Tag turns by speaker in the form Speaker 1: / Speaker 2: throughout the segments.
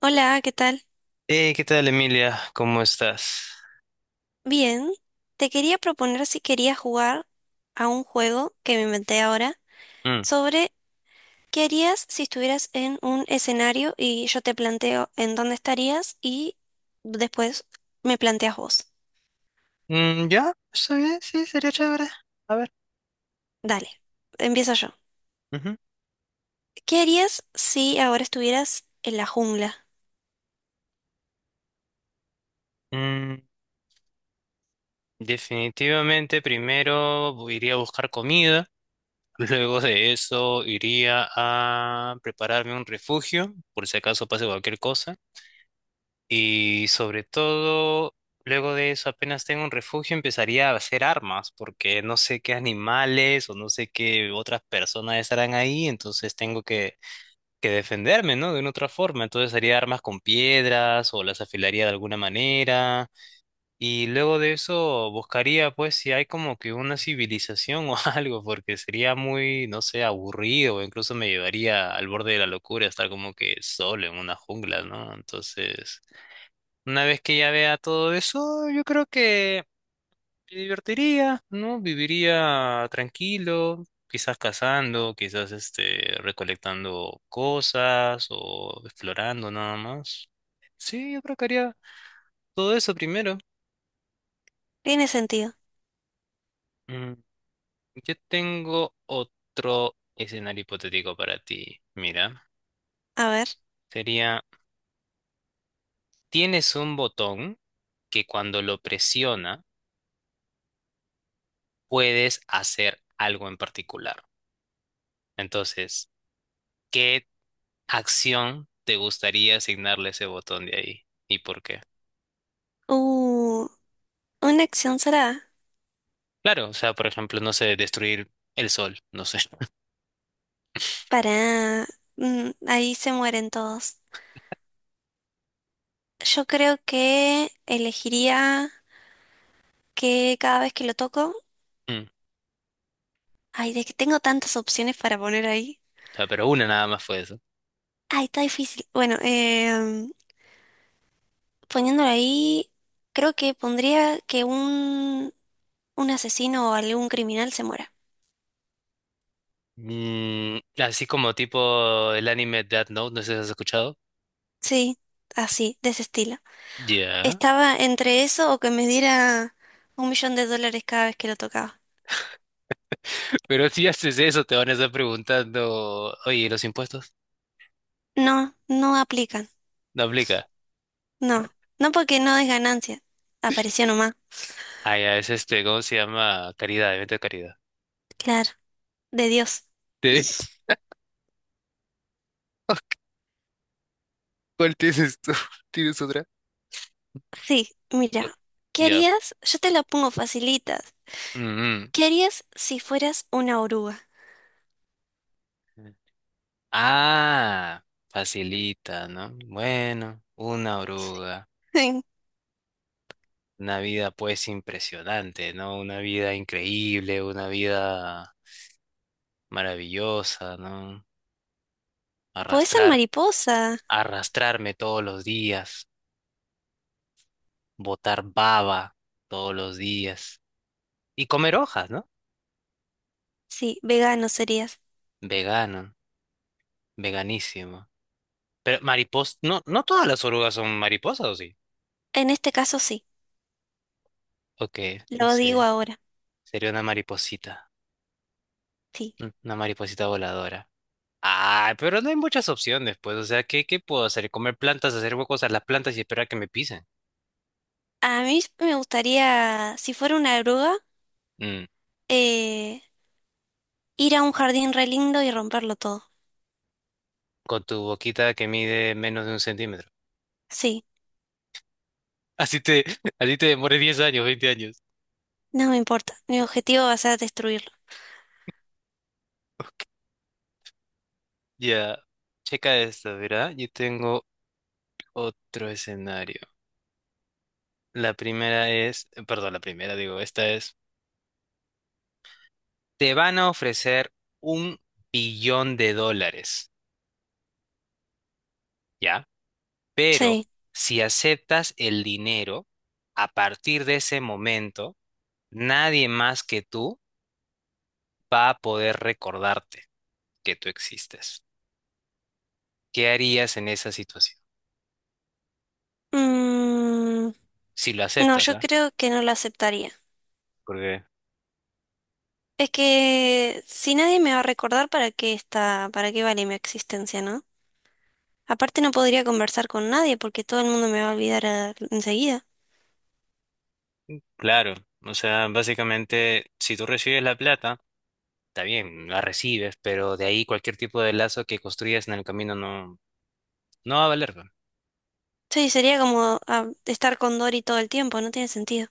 Speaker 1: Hola, ¿qué tal?
Speaker 2: Hey, ¿qué tal, Emilia? ¿Cómo estás?
Speaker 1: Bien, te quería proponer si querías jugar a un juego que me inventé ahora
Speaker 2: Mm.
Speaker 1: sobre qué harías si estuvieras en un escenario y yo te planteo en dónde estarías y después me planteas vos.
Speaker 2: Ya, está bien, sí, sería chévere. A ver.
Speaker 1: Dale, empiezo yo.
Speaker 2: Ujú.
Speaker 1: ¿Qué harías si ahora estuvieras en la jungla?
Speaker 2: Mm, Definitivamente, iría a buscar comida. Luego de eso, iría a prepararme un refugio, por si acaso pase cualquier cosa. Y sobre todo, luego de eso, apenas tengo un refugio, empezaría a hacer armas, porque no sé qué animales o no sé qué otras personas estarán ahí, entonces tengo que defenderme, ¿no? De una otra forma. Entonces haría armas con piedras o las afilaría de alguna manera. Y luego de eso buscaría, pues, si hay como que una civilización o algo, porque sería muy, no sé, aburrido. Incluso me llevaría al borde de la locura estar como que solo en una jungla, ¿no? Entonces, una vez que ya vea todo eso, yo creo que me divertiría, ¿no? Viviría tranquilo, quizás cazando, quizás este, recolectando cosas o explorando nada más. Sí, yo creo que haría todo eso primero.
Speaker 1: Tiene sentido.
Speaker 2: Mm, Yo tengo otro escenario hipotético para ti. Mira,
Speaker 1: A ver.
Speaker 2: sería, tienes un botón que cuando lo presiona puedes hacer algo en particular. Entonces, ¿qué acción te gustaría asignarle ese botón de ahí? ¿Y por qué?
Speaker 1: Uh, una acción será.
Speaker 2: Claro, o sea, por ejemplo, no sé, destruir el sol, no sé.
Speaker 1: Para... Ahí se mueren todos. Yo creo que elegiría que cada vez que lo toco,
Speaker 2: O
Speaker 1: ay, de que tengo tantas opciones para poner ahí.
Speaker 2: sea, pero una nada más fue eso.
Speaker 1: Ay, está difícil. Bueno, poniéndolo ahí, creo que pondría que un asesino o algún criminal se muera.
Speaker 2: Mm, así como tipo el anime Death Note, no sé si has escuchado.
Speaker 1: Sí, así, de ese estilo.
Speaker 2: Ya.
Speaker 1: Estaba entre eso o que me diera $1.000.000 cada vez que lo tocaba.
Speaker 2: Pero si haces eso, te van a estar preguntando, oye, ¿y los impuestos?
Speaker 1: No, no aplican.
Speaker 2: No aplica.
Speaker 1: No, no porque no es ganancia. Apareció nomás.
Speaker 2: Ah, ya, es este, ¿cómo se llama? Caridad, evento de caridad.
Speaker 1: Claro, de Dios.
Speaker 2: ¿Te- ¿Cuál tienes tú? ¿Tienes otra?
Speaker 1: Sí, mira,
Speaker 2: No.
Speaker 1: ¿qué
Speaker 2: Ya.
Speaker 1: harías? Yo te la pongo facilita.
Speaker 2: Mm,
Speaker 1: ¿Qué harías si fueras una oruga?
Speaker 2: mm. Ah, facilita, ¿no? Bueno, una oruga, una vida pues impresionante, ¿no? Una vida increíble, una vida maravillosa, ¿no?
Speaker 1: Podés ser
Speaker 2: Arrastrar,
Speaker 1: mariposa.
Speaker 2: arrastrarme todos los días, botar baba todos los días y comer hojas, ¿no?
Speaker 1: Sí, vegano serías.
Speaker 2: Vegano, veganísimo. Pero mariposa, no, no todas las orugas son mariposas, ¿o sí?
Speaker 1: En este caso sí,
Speaker 2: Ok, no
Speaker 1: lo digo
Speaker 2: sé,
Speaker 1: ahora.
Speaker 2: sería una mariposita,
Speaker 1: Sí.
Speaker 2: una mariposita voladora. Ah, pero no hay muchas opciones, pues. O sea, ¿qué, qué puedo hacer? ¿Comer plantas, hacer huecos a las plantas y esperar que me pisen?
Speaker 1: A mí me gustaría, si fuera una oruga,
Speaker 2: Mm,
Speaker 1: eh, ir a un jardín re lindo y romperlo todo.
Speaker 2: con tu boquita que mide menos de un centímetro.
Speaker 1: Sí,
Speaker 2: Así te, así te demores 10 años, 20 años.
Speaker 1: no me importa. Mi objetivo va a ser destruirlo.
Speaker 2: Ya, checa esto, ¿verdad? Yo tengo otro escenario. La primera, digo, esta es, te van a ofrecer 1 billón de dólares, ¿ya? Pero
Speaker 1: Sí.
Speaker 2: si aceptas el dinero, a partir de ese momento nadie más que tú va a poder recordarte que tú existes. ¿Qué harías en esa situación?
Speaker 1: Mm,
Speaker 2: Si lo
Speaker 1: no,
Speaker 2: aceptas,
Speaker 1: yo
Speaker 2: ¿verdad?
Speaker 1: creo que no lo aceptaría.
Speaker 2: Porque,
Speaker 1: Es que si nadie me va a recordar para qué está, para qué vale mi existencia, ¿no? Aparte no podría conversar con nadie porque todo el mundo me va a olvidar enseguida.
Speaker 2: claro, o sea, básicamente, si tú recibes la plata, está bien, la recibes, pero de ahí cualquier tipo de lazo que construyas en el camino no, no va a valer, ¿verdad?
Speaker 1: Sí, sería como estar con Dory todo el tiempo, no tiene sentido.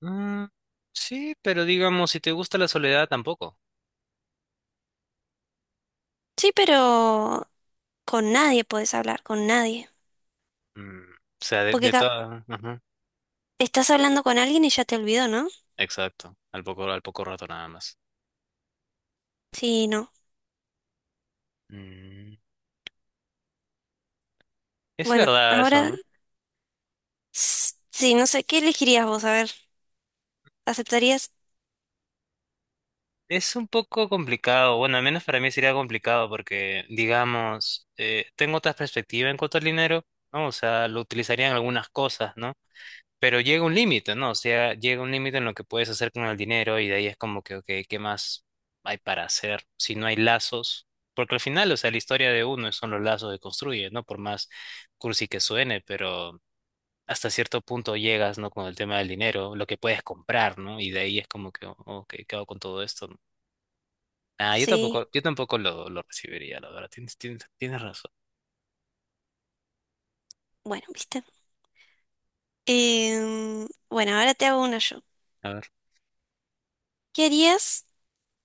Speaker 2: Mm, sí, pero digamos, si te gusta la soledad, tampoco.
Speaker 1: Sí, pero con nadie puedes hablar, con nadie.
Speaker 2: O sea, de,
Speaker 1: Porque
Speaker 2: de toda- ajá.
Speaker 1: estás hablando con alguien y ya te olvidó, ¿no?
Speaker 2: Exacto, al poco rato nada más.
Speaker 1: Sí, no.
Speaker 2: Mm, es
Speaker 1: Bueno,
Speaker 2: verdad eso,
Speaker 1: ahora
Speaker 2: ¿no?
Speaker 1: sí, no sé, ¿qué elegirías vos? A ver, ¿aceptarías?
Speaker 2: Es un poco complicado, bueno, al menos para mí sería complicado porque, digamos, tengo otra perspectiva en cuanto al dinero, ¿no? O sea, lo utilizaría en algunas cosas, ¿no? Pero llega un límite, ¿no? O sea, llega un límite en lo que puedes hacer con el dinero y de ahí es como que, ok, ¿qué más hay para hacer si no hay lazos? Porque al final, o sea, la historia de uno son los lazos que construye, ¿no? Por más cursi que suene, pero hasta cierto punto llegas, ¿no? Con el tema del dinero, lo que puedes comprar, ¿no? Y de ahí es como que, ok, ¿qué hago con todo esto, ¿no? Ah,
Speaker 1: Sí,
Speaker 2: yo tampoco lo recibiría, la verdad. Tienes razón.
Speaker 1: bueno, viste. Bueno, ahora te hago una yo.
Speaker 2: A ver.
Speaker 1: ¿Qué harías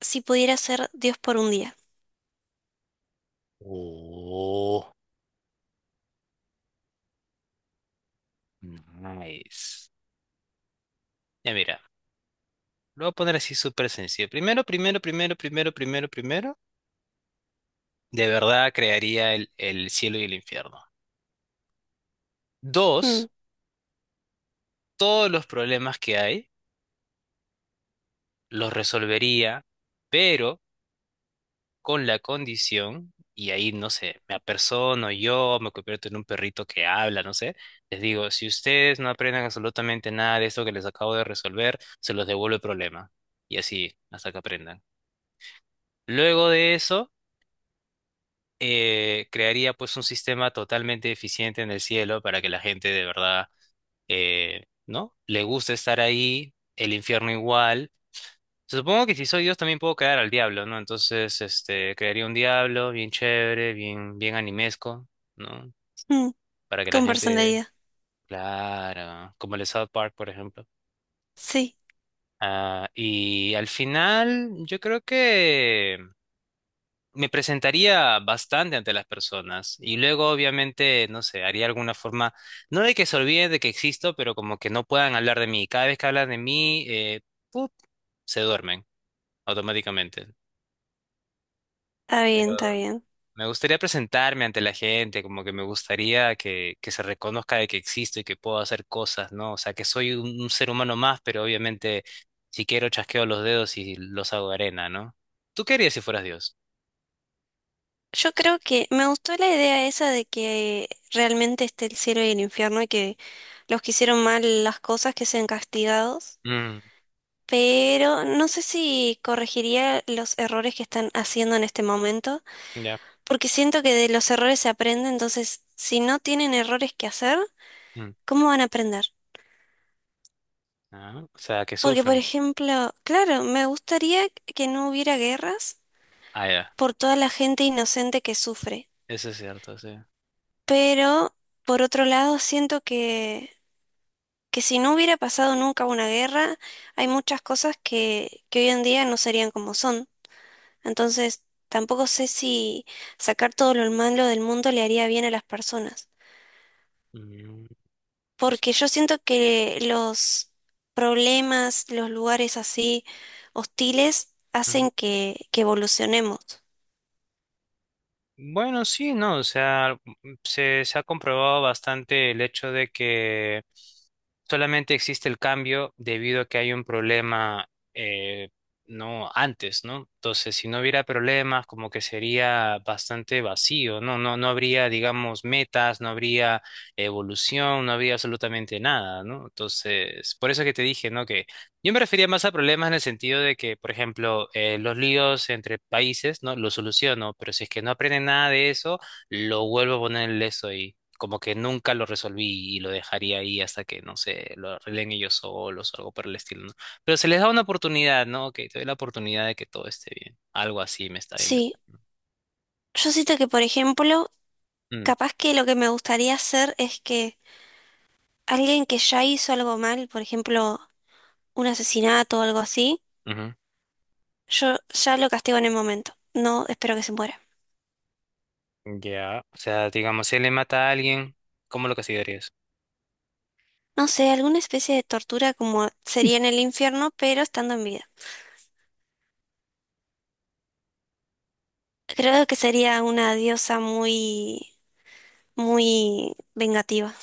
Speaker 1: si pudieras ser Dios por un día?
Speaker 2: Oh, nice. Ya mira, lo voy a poner así súper sencillo. Primero, primero, primero, primero, primero, primero. De verdad crearía el cielo y el infierno. Dos,
Speaker 1: Mm,
Speaker 2: todos los problemas que hay los resolvería, pero con la condición, y ahí, no sé, me apersono yo, me convierto en un perrito que habla, no sé, les digo, si ustedes no aprenden absolutamente nada de esto que les acabo de resolver, se los devuelvo el problema. Y así, hasta que aprendan. Luego de eso, crearía pues un sistema totalmente eficiente en el cielo para que la gente de verdad, ¿no? Le guste estar ahí, el infierno igual. Supongo que si soy Dios también puedo caer al diablo, ¿no? Entonces, este, crearía un diablo bien chévere, bien, bien animesco, ¿no?
Speaker 1: mm,
Speaker 2: Para que la
Speaker 1: con
Speaker 2: gente,
Speaker 1: personalidad.
Speaker 2: claro, como el de South Park, por ejemplo.
Speaker 1: Sí.
Speaker 2: Ah, y al final, yo creo que me presentaría bastante ante las personas y luego, obviamente, no sé, haría alguna forma, no de que se olviden de que existo, pero como que no puedan hablar de mí. Cada vez que hablan de mí, ¡pup! Se duermen automáticamente.
Speaker 1: Está
Speaker 2: Pero
Speaker 1: bien, está bien.
Speaker 2: me gustaría presentarme ante la gente, como que me gustaría que se reconozca de que existo y que puedo hacer cosas, ¿no? O sea, que soy un ser humano más, pero obviamente si quiero chasqueo los dedos y los hago arena, ¿no? ¿Tú qué harías si fueras Dios?
Speaker 1: Yo creo que me gustó la idea esa de que realmente esté el cielo y el infierno y que los que hicieron mal las cosas que sean castigados,
Speaker 2: Mm,
Speaker 1: pero no sé si corregiría los errores que están haciendo en este momento,
Speaker 2: ya.
Speaker 1: porque siento que de los errores se aprende, entonces si no tienen errores que hacer,
Speaker 2: mm,
Speaker 1: ¿cómo van a aprender?
Speaker 2: ah, o sea, que
Speaker 1: Porque, por
Speaker 2: sufren.
Speaker 1: ejemplo, claro, me gustaría que no hubiera guerras
Speaker 2: Ah, ya.
Speaker 1: por toda la gente inocente que sufre.
Speaker 2: Eso es cierto, sí.
Speaker 1: Pero, por otro lado, siento que, si no hubiera pasado nunca una guerra, hay muchas cosas que, hoy en día no serían como son. Entonces, tampoco sé si sacar todo lo malo del mundo le haría bien a las personas.
Speaker 2: Mm,
Speaker 1: Porque yo siento que los problemas, los lugares así hostiles,
Speaker 2: mm.
Speaker 1: hacen que, evolucionemos.
Speaker 2: Bueno, sí, no, o sea, se ha comprobado bastante el hecho de que solamente existe el cambio debido a que hay un problema, eh, no antes, ¿no? Entonces, si no hubiera problemas, como que sería bastante vacío, ¿no? No, no habría, digamos, metas, no habría evolución, no habría absolutamente nada, ¿no? Entonces, por eso que te dije, ¿no? Yo me refería más a problemas en el sentido de que, por ejemplo, los líos entre países, ¿no? Los soluciono, pero si es que no aprenden nada de eso, lo vuelvo a poner en eso y como que nunca lo resolví y lo dejaría ahí hasta que, no sé, lo arreglen ellos solos o algo por el estilo, ¿no? Pero se les da una oportunidad, ¿no? Ok, te doy la oportunidad de que todo esté bien. Algo así me está bien.
Speaker 1: Sí, yo siento que, por ejemplo,
Speaker 2: Mm,
Speaker 1: capaz que lo que me gustaría hacer es que alguien que ya hizo algo mal, por ejemplo, un asesinato o algo así, yo ya lo castigo en el momento. No espero que se muera.
Speaker 2: ujú. Ya. O sea, digamos, si él le mata a alguien, ¿cómo lo castigarías?
Speaker 1: No sé, alguna especie de tortura como sería en el infierno, pero estando en vida. Creo que sería una diosa muy, muy vengativa.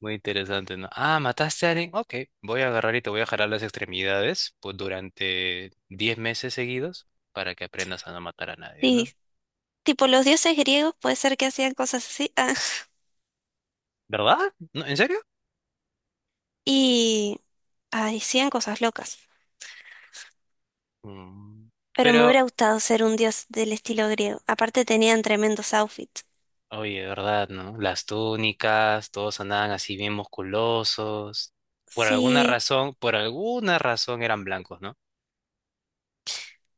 Speaker 2: Muy interesante, ¿no? Ah, mataste a alguien. Ok, voy a agarrar y te voy a jalar las extremidades pues, durante 10 meses seguidos para que aprendas a no matar a nadie,
Speaker 1: Sí,
Speaker 2: ¿no?
Speaker 1: tipo los dioses griegos puede ser que hacían cosas así,
Speaker 2: ¿Verdad? ¿No? ¿En serio?
Speaker 1: y hacían cosas locas.
Speaker 2: Mm,
Speaker 1: Pero me
Speaker 2: Pero,
Speaker 1: hubiera gustado ser un dios del estilo griego. Aparte tenían tremendos outfits.
Speaker 2: oye, ¿verdad, no? Las túnicas, todos andaban así bien musculosos.
Speaker 1: Sí.
Speaker 2: Por alguna razón eran blancos, ¿no?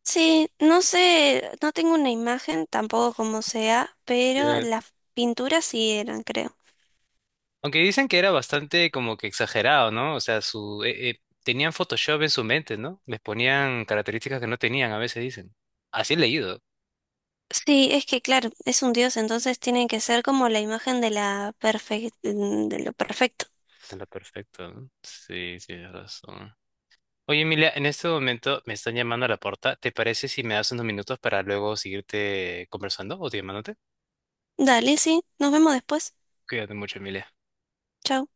Speaker 1: Sí, no sé, no tengo una imagen tampoco como sea, pero las pinturas sí eran, creo.
Speaker 2: Aunque dicen que era bastante como que exagerado, ¿no? O sea, su tenían Photoshop en su mente, ¿no? Les ponían características que no tenían, a veces dicen. Así he leído.
Speaker 1: Sí, es que claro, es un dios, entonces tiene que ser como la imagen de de lo perfecto.
Speaker 2: Era perfecto, ¿no? Sí, tienes razón. Oye, Emilia, en este momento me están llamando a la puerta. ¿Te parece si me das unos minutos para luego seguirte conversando o te llamándote?
Speaker 1: Dale, sí, nos vemos después.
Speaker 2: Cuídate mucho, Emilia.
Speaker 1: Chao.